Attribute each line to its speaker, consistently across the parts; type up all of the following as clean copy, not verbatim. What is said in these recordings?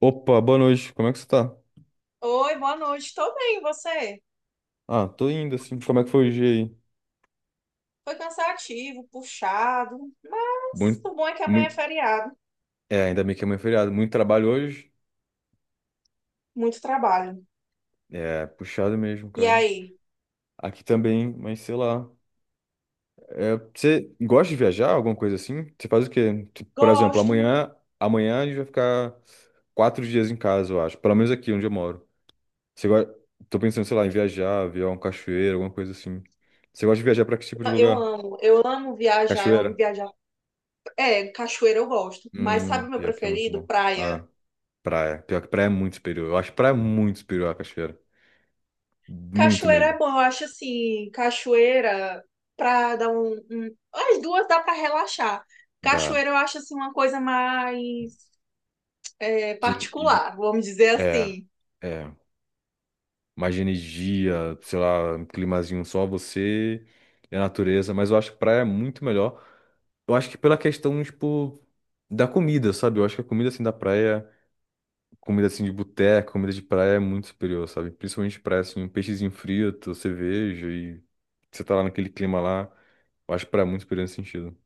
Speaker 1: Opa, boa noite. Como é que você tá?
Speaker 2: Oi, boa noite. Tô bem, e você?
Speaker 1: Ah, tô indo assim. Como é que foi o dia aí?
Speaker 2: Foi cansativo, puxado, mas
Speaker 1: Muito,
Speaker 2: o bom é que amanhã é
Speaker 1: muito.
Speaker 2: feriado,
Speaker 1: É, ainda bem que amanhã é feriado. Muito trabalho hoje.
Speaker 2: muito trabalho.
Speaker 1: É, puxado mesmo,
Speaker 2: E
Speaker 1: cara.
Speaker 2: aí?
Speaker 1: Aqui também, mas sei lá. É, você gosta de viajar, alguma coisa assim? Você faz o quê? Tipo, por exemplo,
Speaker 2: Gosto,
Speaker 1: amanhã a gente vai ficar 4 dias em casa, eu acho. Pelo menos aqui onde eu moro. Você gosta... Tô pensando, sei lá, em viajar, ver um cachoeiro, alguma coisa assim. Você gosta de viajar pra que tipo de
Speaker 2: eu
Speaker 1: lugar?
Speaker 2: amo, eu amo viajar, eu amo
Speaker 1: Cachoeira?
Speaker 2: viajar. É, cachoeira eu gosto, mas sabe
Speaker 1: Hum,
Speaker 2: o meu
Speaker 1: pior que é muito
Speaker 2: preferido?
Speaker 1: bom.
Speaker 2: Praia.
Speaker 1: Ah. Praia. Pior que praia é muito superior. Eu acho praia muito superior à cachoeira. Muito
Speaker 2: Cachoeira
Speaker 1: mesmo.
Speaker 2: é bom, eu acho assim, cachoeira pra dar as duas dá pra relaxar.
Speaker 1: Dá.
Speaker 2: Cachoeira eu acho assim uma coisa mais
Speaker 1: De- de-
Speaker 2: particular, vamos dizer
Speaker 1: É,
Speaker 2: assim.
Speaker 1: é. Mais de energia, sei lá, um climazinho só você e a natureza. Mas eu acho que praia é muito melhor. Eu acho que pela questão, tipo, da comida, sabe? Eu acho que a comida, assim, da praia, comida, assim, de boteco, comida de praia é muito superior, sabe? Principalmente praia, assim, um peixezinho frito, cerveja e você tá lá naquele clima lá. Eu acho praia muito superior nesse sentido.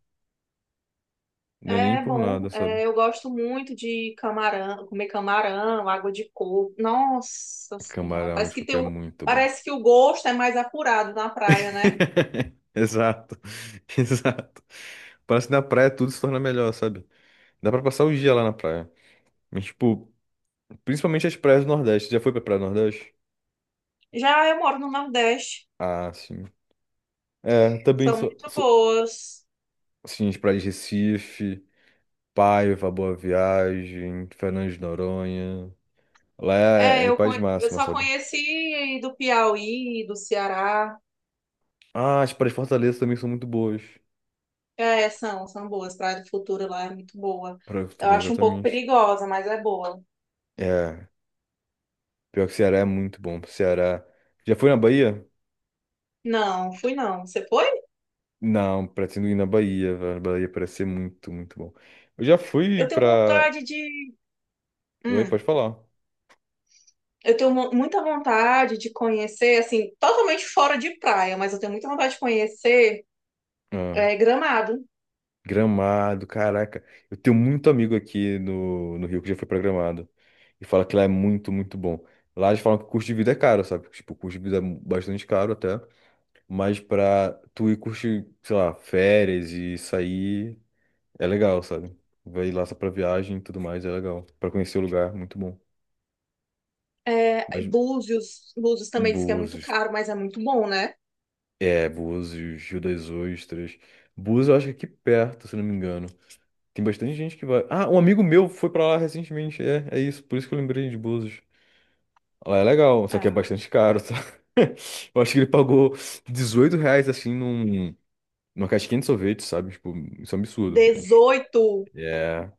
Speaker 1: Não é nem
Speaker 2: É
Speaker 1: por
Speaker 2: bom,
Speaker 1: nada, sabe?
Speaker 2: eu gosto muito de camarão, comer camarão, água de coco. Nossa Senhora,
Speaker 1: Camarão, acho que é muito bom.
Speaker 2: parece que o gosto é mais apurado na praia, né?
Speaker 1: Exato, exato. Parece que na praia tudo se torna melhor, sabe? Dá pra passar o dia lá na praia. Mas, tipo, principalmente as praias do Nordeste. Já foi pra praia do Nordeste?
Speaker 2: Já eu moro no Nordeste,
Speaker 1: Ah, sim. É, também
Speaker 2: são muito boas.
Speaker 1: sim, as praias de Recife, Paiva, Boa Viagem, Fernando de Noronha. Lá
Speaker 2: É,
Speaker 1: é paz
Speaker 2: eu
Speaker 1: máxima,
Speaker 2: só
Speaker 1: sabe?
Speaker 2: conheci do Piauí, do Ceará.
Speaker 1: Ah, as praias de Fortaleza também são muito boas.
Speaker 2: É, são boas. Praia do Futuro lá é muito boa.
Speaker 1: Para do
Speaker 2: Eu
Speaker 1: Futuro,
Speaker 2: acho um pouco
Speaker 1: exatamente.
Speaker 2: perigosa, mas é boa.
Speaker 1: É, pior que Ceará é muito bom. Ceará. Já foi na Bahia?
Speaker 2: Não, fui não. Você foi?
Speaker 1: Não, pretendo ir na Bahia, velho. A Bahia parece ser muito, muito bom. Eu já fui
Speaker 2: Eu tenho
Speaker 1: pra.
Speaker 2: vontade de.
Speaker 1: Oi,
Speaker 2: Hum.
Speaker 1: pode falar.
Speaker 2: Eu tenho muita vontade de conhecer, assim, totalmente fora de praia, mas eu tenho muita vontade de conhecer
Speaker 1: Ah,
Speaker 2: Gramado,
Speaker 1: Gramado, caraca. Eu tenho muito amigo aqui no Rio que já foi pra Gramado. E fala que lá é muito, muito bom. Lá eles falam que o custo de vida é caro, sabe? Tipo, o custo de vida é bastante caro até. Mas pra tu ir curtir, sei lá, férias e sair, é legal, sabe? Vai lá só pra viagem e tudo mais, é legal. Pra conhecer o lugar, muito bom. Mas
Speaker 2: Búzios. Búzios também diz que é muito
Speaker 1: Búzios.
Speaker 2: caro, mas é muito bom, né?
Speaker 1: É, Búzios, Rio das Ostras. Búzios, eu acho que é aqui perto, se não me engano. Tem bastante gente que vai. Ah, um amigo meu foi pra lá recentemente. É, é isso. Por isso que eu lembrei de Búzios. Lá é legal, só que é
Speaker 2: Ah,
Speaker 1: bastante caro, tá? Eu acho que ele pagou R$ 18, assim, numa casquinha de sorvete, sabe? Tipo, isso é um absurdo. Mas...
Speaker 2: 18,
Speaker 1: É,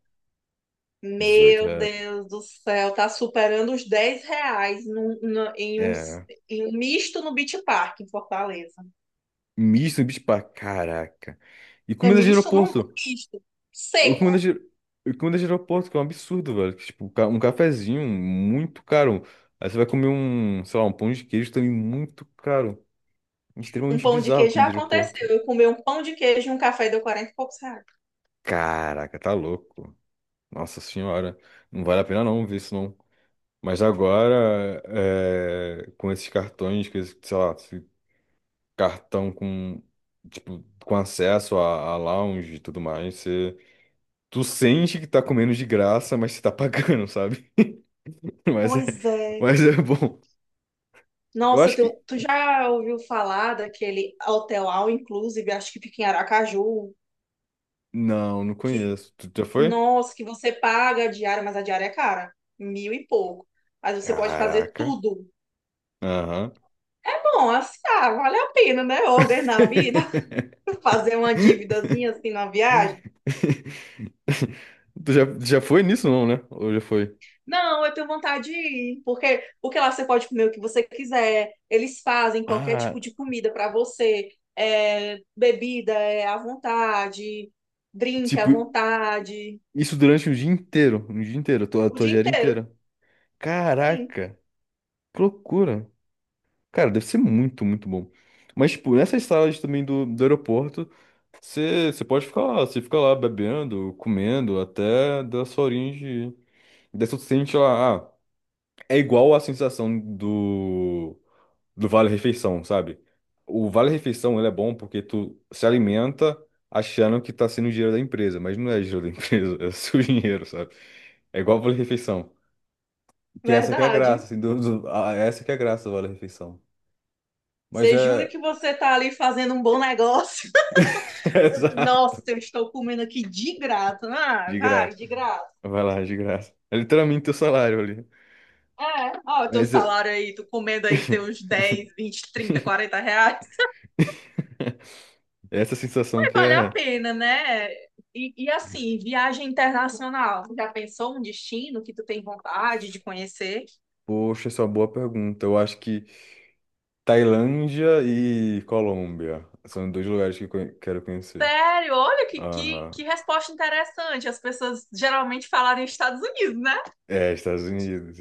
Speaker 1: dezoito.
Speaker 2: meu
Speaker 1: reais.
Speaker 2: Deus do céu, tá superando os 10 reais
Speaker 1: É.
Speaker 2: em um misto no Beach Park, em Fortaleza.
Speaker 1: Misto no Beach Park, caraca. E
Speaker 2: É
Speaker 1: comida de
Speaker 2: misto num
Speaker 1: aeroporto?
Speaker 2: misto,
Speaker 1: O comida
Speaker 2: seco.
Speaker 1: de, o comida de aeroporto, que é um absurdo, velho. Que, tipo, um cafezinho muito caro. Aí você vai comer um, sei lá, um pão de queijo também muito caro.
Speaker 2: Um
Speaker 1: Extremamente
Speaker 2: pão de
Speaker 1: bizarro a
Speaker 2: queijo já
Speaker 1: comida de
Speaker 2: aconteceu.
Speaker 1: aeroporto.
Speaker 2: Eu comi um pão de queijo e um café e deu 40 e poucos reais.
Speaker 1: Caraca, tá louco. Nossa Senhora. Não vale a pena não ver isso não. Mas agora, é, com esses cartões, com esse, sei lá, esse cartão com, tipo, com acesso a lounge e tudo mais, você, tu sente que tá comendo de graça, mas você tá pagando, sabe? Mas é,
Speaker 2: Pois é.
Speaker 1: mas é bom. Eu
Speaker 2: Nossa,
Speaker 1: acho que.
Speaker 2: tu já ouviu falar daquele hotel all inclusive, acho que fica em Aracaju,
Speaker 1: Não, não
Speaker 2: que,
Speaker 1: conheço. Tu já foi?
Speaker 2: nossa, que você paga a diária, mas a diária é cara, mil e pouco. Mas você pode fazer
Speaker 1: Caraca.
Speaker 2: tudo.
Speaker 1: Aham.
Speaker 2: Bom, assim, ah, vale a pena, né? Uma vez na vida, fazer uma dívidazinha assim na viagem.
Speaker 1: Tu já foi nisso, não, né? Ou já foi?
Speaker 2: Não, eu tenho vontade de ir, porque lá você pode comer o que você quiser, eles fazem qualquer
Speaker 1: Ah,
Speaker 2: tipo de comida para você, bebida é à vontade, drink à
Speaker 1: tipo,
Speaker 2: vontade,
Speaker 1: isso durante o dia inteiro. O dia inteiro, a tua, a
Speaker 2: o
Speaker 1: tua
Speaker 2: dia
Speaker 1: diária
Speaker 2: inteiro,
Speaker 1: inteira.
Speaker 2: sim,
Speaker 1: Caraca, que loucura. Cara, deve ser muito, muito bom. Mas, tipo, nessas salas também do aeroporto, você pode ficar lá, você fica lá bebendo, comendo, até dar sua horinha de, daí você sente lá, ah, é igual a sensação do vale-refeição, sabe? O vale-refeição, ele é bom porque tu se alimenta achando que tá sendo dinheiro da empresa, mas não é dinheiro da empresa, é o seu dinheiro, sabe? É igual o vale-refeição. Que essa que é a graça,
Speaker 2: verdade.
Speaker 1: assim, essa que é a graça do vale-refeição. Mas
Speaker 2: Você jura
Speaker 1: é...
Speaker 2: que você tá ali fazendo um bom negócio?
Speaker 1: É
Speaker 2: Nossa,
Speaker 1: exato.
Speaker 2: eu estou comendo aqui de graça, ah,
Speaker 1: De
Speaker 2: vai,
Speaker 1: graça.
Speaker 2: de graça.
Speaker 1: Vai lá, de graça. É literalmente teu salário ali.
Speaker 2: É, ó, o teu
Speaker 1: Mas é...
Speaker 2: salário aí, tu comendo aí teus 10, 20, 30, 40 reais.
Speaker 1: Essa sensação que
Speaker 2: Vale a
Speaker 1: é...
Speaker 2: pena, né? E assim, viagem internacional. Você já pensou um destino que tu tem vontade de conhecer?
Speaker 1: Poxa, essa é uma boa pergunta. Eu acho que Tailândia e Colômbia. São dois lugares que eu quero conhecer.
Speaker 2: Sério, olha que, que,
Speaker 1: Aham.
Speaker 2: que resposta interessante. As pessoas geralmente falaram Estados Unidos, né?
Speaker 1: É, Estados Unidos.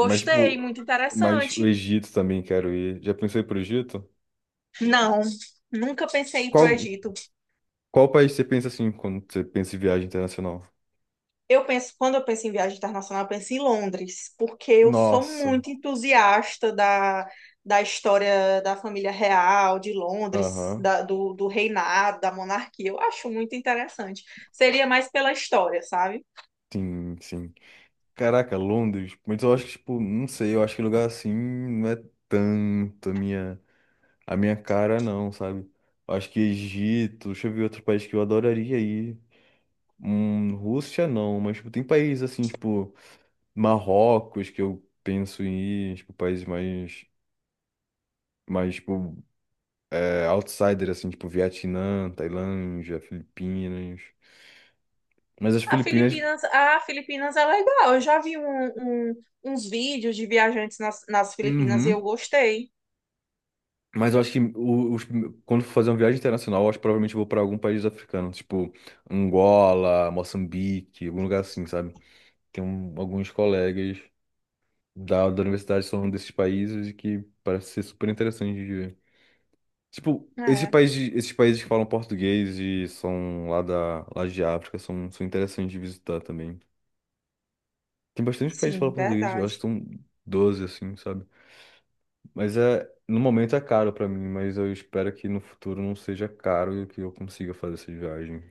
Speaker 1: Mas, tipo,
Speaker 2: muito
Speaker 1: mas o
Speaker 2: interessante.
Speaker 1: Egito também quero ir. Já pensou em ir pro Egito?
Speaker 2: Não, nunca pensei em ir pro
Speaker 1: Qual,
Speaker 2: Egito.
Speaker 1: qual país você pensa assim quando você pensa em viagem internacional?
Speaker 2: Eu penso, quando eu penso em viagem internacional, eu penso em Londres, porque eu sou
Speaker 1: Nossa.
Speaker 2: muito entusiasta da história da família real de Londres,
Speaker 1: Aham.
Speaker 2: do reinado, da monarquia. Eu acho muito interessante. Seria mais pela história, sabe?
Speaker 1: Sim, sim. Caraca, Londres. Mas eu acho que, tipo, não sei, eu acho que lugar assim não é tanto a minha cara, não, sabe? Eu acho que Egito, deixa eu ver outro país que eu adoraria ir. Rússia não, mas tipo, tem países assim, tipo, Marrocos, que eu penso em ir, tipo, países mais, tipo, é, outsider, assim, tipo, Vietnã, Tailândia, Filipinas. Mas as
Speaker 2: A
Speaker 1: Filipinas,
Speaker 2: Filipinas, a Filipinas é legal. Eu já vi uns vídeos de viajantes nas Filipinas e eu
Speaker 1: uhum.
Speaker 2: gostei.
Speaker 1: Mas eu acho que os, quando for fazer uma viagem internacional, eu acho que provavelmente eu vou pra algum país africano, tipo, Angola, Moçambique, algum lugar assim, sabe? Tem alguns colegas da universidade que são desses países e que parece ser super interessante de ver. Tipo,
Speaker 2: É,
Speaker 1: esses países que falam português e são lá, lá de África são interessantes de visitar também. Tem bastante países que
Speaker 2: sim,
Speaker 1: falam português, eu acho que
Speaker 2: verdade.
Speaker 1: são 12 assim, sabe? Mas é, no momento é caro pra mim, mas eu espero que no futuro não seja caro e que eu consiga fazer essas viagens.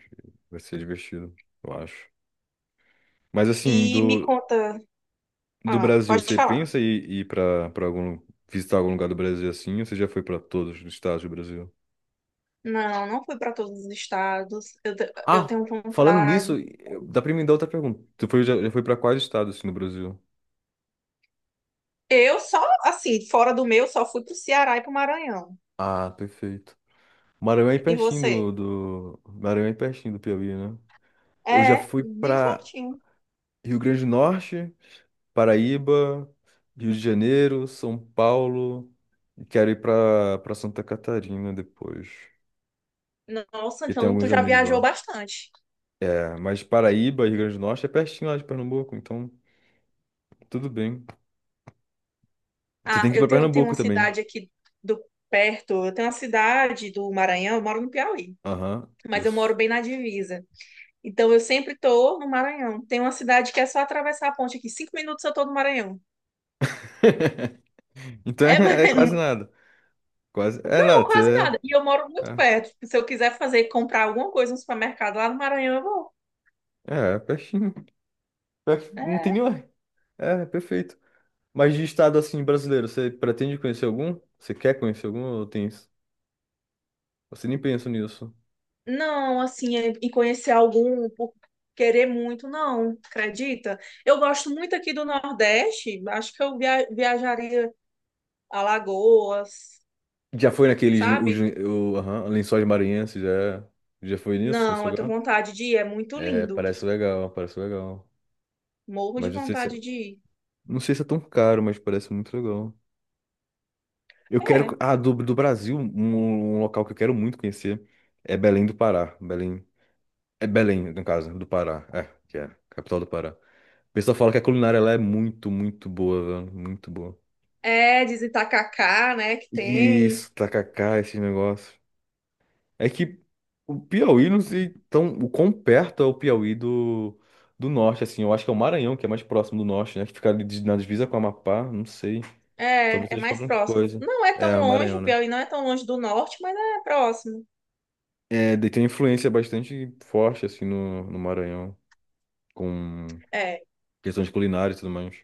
Speaker 1: Vai ser divertido, eu acho. Mas assim,
Speaker 2: E me
Speaker 1: do,
Speaker 2: conta,
Speaker 1: do
Speaker 2: ah,
Speaker 1: Brasil,
Speaker 2: pode
Speaker 1: você
Speaker 2: falar.
Speaker 1: pensa em ir pra, algum, visitar algum lugar do Brasil assim, ou você já foi pra todos os estados do Brasil?
Speaker 2: Não, não fui para todos os estados. Eu
Speaker 1: Ah,
Speaker 2: tenho
Speaker 1: falando nisso,
Speaker 2: vontade.
Speaker 1: dá pra me dar outra pergunta. Tu foi, já foi pra quais estados assim, no Brasil?
Speaker 2: Eu só, assim, fora do meu, só fui pro Ceará e pro Maranhão.
Speaker 1: Ah, perfeito. Maranhão é
Speaker 2: E
Speaker 1: pertinho
Speaker 2: você?
Speaker 1: Maranhão é pertinho do Piauí, né? Eu já
Speaker 2: É,
Speaker 1: fui
Speaker 2: bem
Speaker 1: pra
Speaker 2: pertinho.
Speaker 1: Rio Grande do Norte, Paraíba, Rio de Janeiro, São Paulo. E quero ir pra Santa Catarina depois.
Speaker 2: Nossa,
Speaker 1: Porque tem
Speaker 2: então tu
Speaker 1: alguns
Speaker 2: já
Speaker 1: amigos lá.
Speaker 2: viajou bastante.
Speaker 1: É, mas Paraíba, Rio Grande do Norte é pertinho lá de Pernambuco, então tudo bem. Você
Speaker 2: Ah,
Speaker 1: tem que ir
Speaker 2: eu
Speaker 1: pra
Speaker 2: tenho uma
Speaker 1: Pernambuco também.
Speaker 2: cidade aqui do perto. Eu tenho uma cidade do Maranhão, eu moro no Piauí,
Speaker 1: Aham,
Speaker 2: mas eu moro
Speaker 1: isso.
Speaker 2: bem na divisa. Então eu sempre tô no Maranhão. Tem uma cidade que é só atravessar a ponte aqui. 5 minutos eu tô no Maranhão.
Speaker 1: Então
Speaker 2: É
Speaker 1: é quase nada. Quase. É
Speaker 2: Não,
Speaker 1: nada.
Speaker 2: quase nada. E eu moro muito
Speaker 1: É,
Speaker 2: perto. Tipo, se eu quiser fazer, comprar alguma coisa no supermercado lá no Maranhão, eu vou.
Speaker 1: é pertinho. Não tem
Speaker 2: É.
Speaker 1: nenhuma. É perfeito. Mas de estado assim brasileiro, você pretende conhecer algum? Você quer conhecer algum ou tem isso? Você nem pensa nisso.
Speaker 2: Não, assim, e conhecer algum por querer muito, não, acredita? Eu gosto muito aqui do Nordeste. Acho que eu viajaria a Lagoas,
Speaker 1: Já foi naqueles lin- os,
Speaker 2: sabe?
Speaker 1: lin- o, aham, Lençóis Maranhenses, já foi nisso, nesse
Speaker 2: Não, eu tenho
Speaker 1: lugar?
Speaker 2: vontade de ir. É muito
Speaker 1: É,
Speaker 2: lindo.
Speaker 1: parece legal, parece legal.
Speaker 2: Morro de
Speaker 1: Mas não sei se é,
Speaker 2: vontade de ir.
Speaker 1: não sei se é tão caro, mas parece muito legal. Eu
Speaker 2: É.
Speaker 1: quero. Ah, do Brasil, um local que eu quero muito conhecer é Belém do Pará. Belém. É Belém, no caso, do Pará. É, que é, capital do Pará. O pessoal fala que a culinária lá é muito, muito boa, velho. Muito boa.
Speaker 2: É, diz Itacacá, né, que tem.
Speaker 1: Isso, tacacá, esse negócio. É que o Piauí não sei tão, o quão perto é o Piauí do norte, assim. Eu acho que é o Maranhão, que é mais próximo do norte, né? Que fica ali na divisa com o Amapá, não sei. Talvez
Speaker 2: É
Speaker 1: seja
Speaker 2: mais
Speaker 1: alguma
Speaker 2: próximo.
Speaker 1: coisa.
Speaker 2: Não é
Speaker 1: É,
Speaker 2: tão
Speaker 1: o
Speaker 2: longe,
Speaker 1: Maranhão,
Speaker 2: o
Speaker 1: né?
Speaker 2: Piauí não é tão longe do norte, mas é próximo.
Speaker 1: É, daí tem uma influência bastante forte, assim, no Maranhão, com
Speaker 2: É,
Speaker 1: questões culinárias e tudo mais.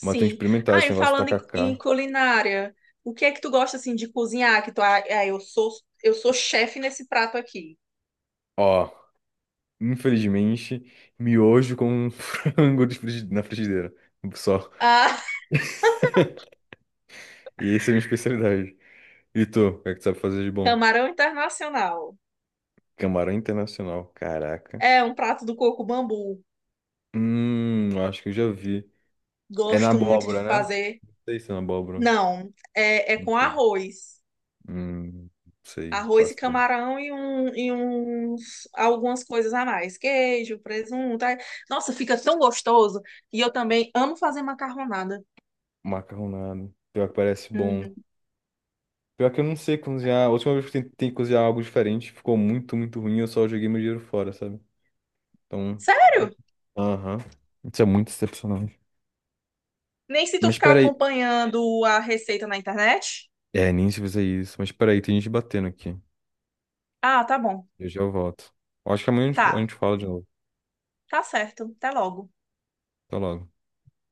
Speaker 1: Mas tem que experimentar
Speaker 2: Ah,
Speaker 1: esse
Speaker 2: e
Speaker 1: negócio de
Speaker 2: falando em
Speaker 1: tacacá.
Speaker 2: culinária, o que é que tu gosta assim de cozinhar? Que tu, eu sou chefe nesse prato aqui.
Speaker 1: Ó, infelizmente, miojo com frango na frigideira. Só.
Speaker 2: Ah,
Speaker 1: E essa é a minha especialidade. E tu, o que é que tu sabe fazer de bom?
Speaker 2: camarão internacional.
Speaker 1: Camarão internacional, caraca.
Speaker 2: É um prato do coco bambu.
Speaker 1: Acho que eu já vi. É na
Speaker 2: Gosto muito de
Speaker 1: abóbora, né?
Speaker 2: fazer.
Speaker 1: Não sei se é na abóbora.
Speaker 2: Não, é
Speaker 1: Não
Speaker 2: com
Speaker 1: sei.
Speaker 2: arroz.
Speaker 1: Hum, não sei, não
Speaker 2: Arroz e
Speaker 1: faço ideia.
Speaker 2: camarão e, um, e uns, algumas coisas a mais. Queijo, presunto. Ai, nossa, fica tão gostoso. E eu também amo fazer macarronada.
Speaker 1: Macarronado. Pior que parece bom.
Speaker 2: Uhum.
Speaker 1: Pior que eu não sei cozinhar. A última vez que eu tentei cozinhar algo diferente, ficou muito, muito ruim. Eu só joguei meu dinheiro fora, sabe? Então,
Speaker 2: Sério?
Speaker 1: aham. Isso é muito decepcionante.
Speaker 2: Nem se tu
Speaker 1: Mas
Speaker 2: ficar
Speaker 1: peraí.
Speaker 2: acompanhando a receita na internet.
Speaker 1: É, nem se fizer isso. Mas peraí, tem gente batendo aqui.
Speaker 2: Ah, tá bom.
Speaker 1: Eu já volto. Eu acho que amanhã a gente a
Speaker 2: Tá,
Speaker 1: gente fala de novo.
Speaker 2: tá certo. Até logo.
Speaker 1: Até logo.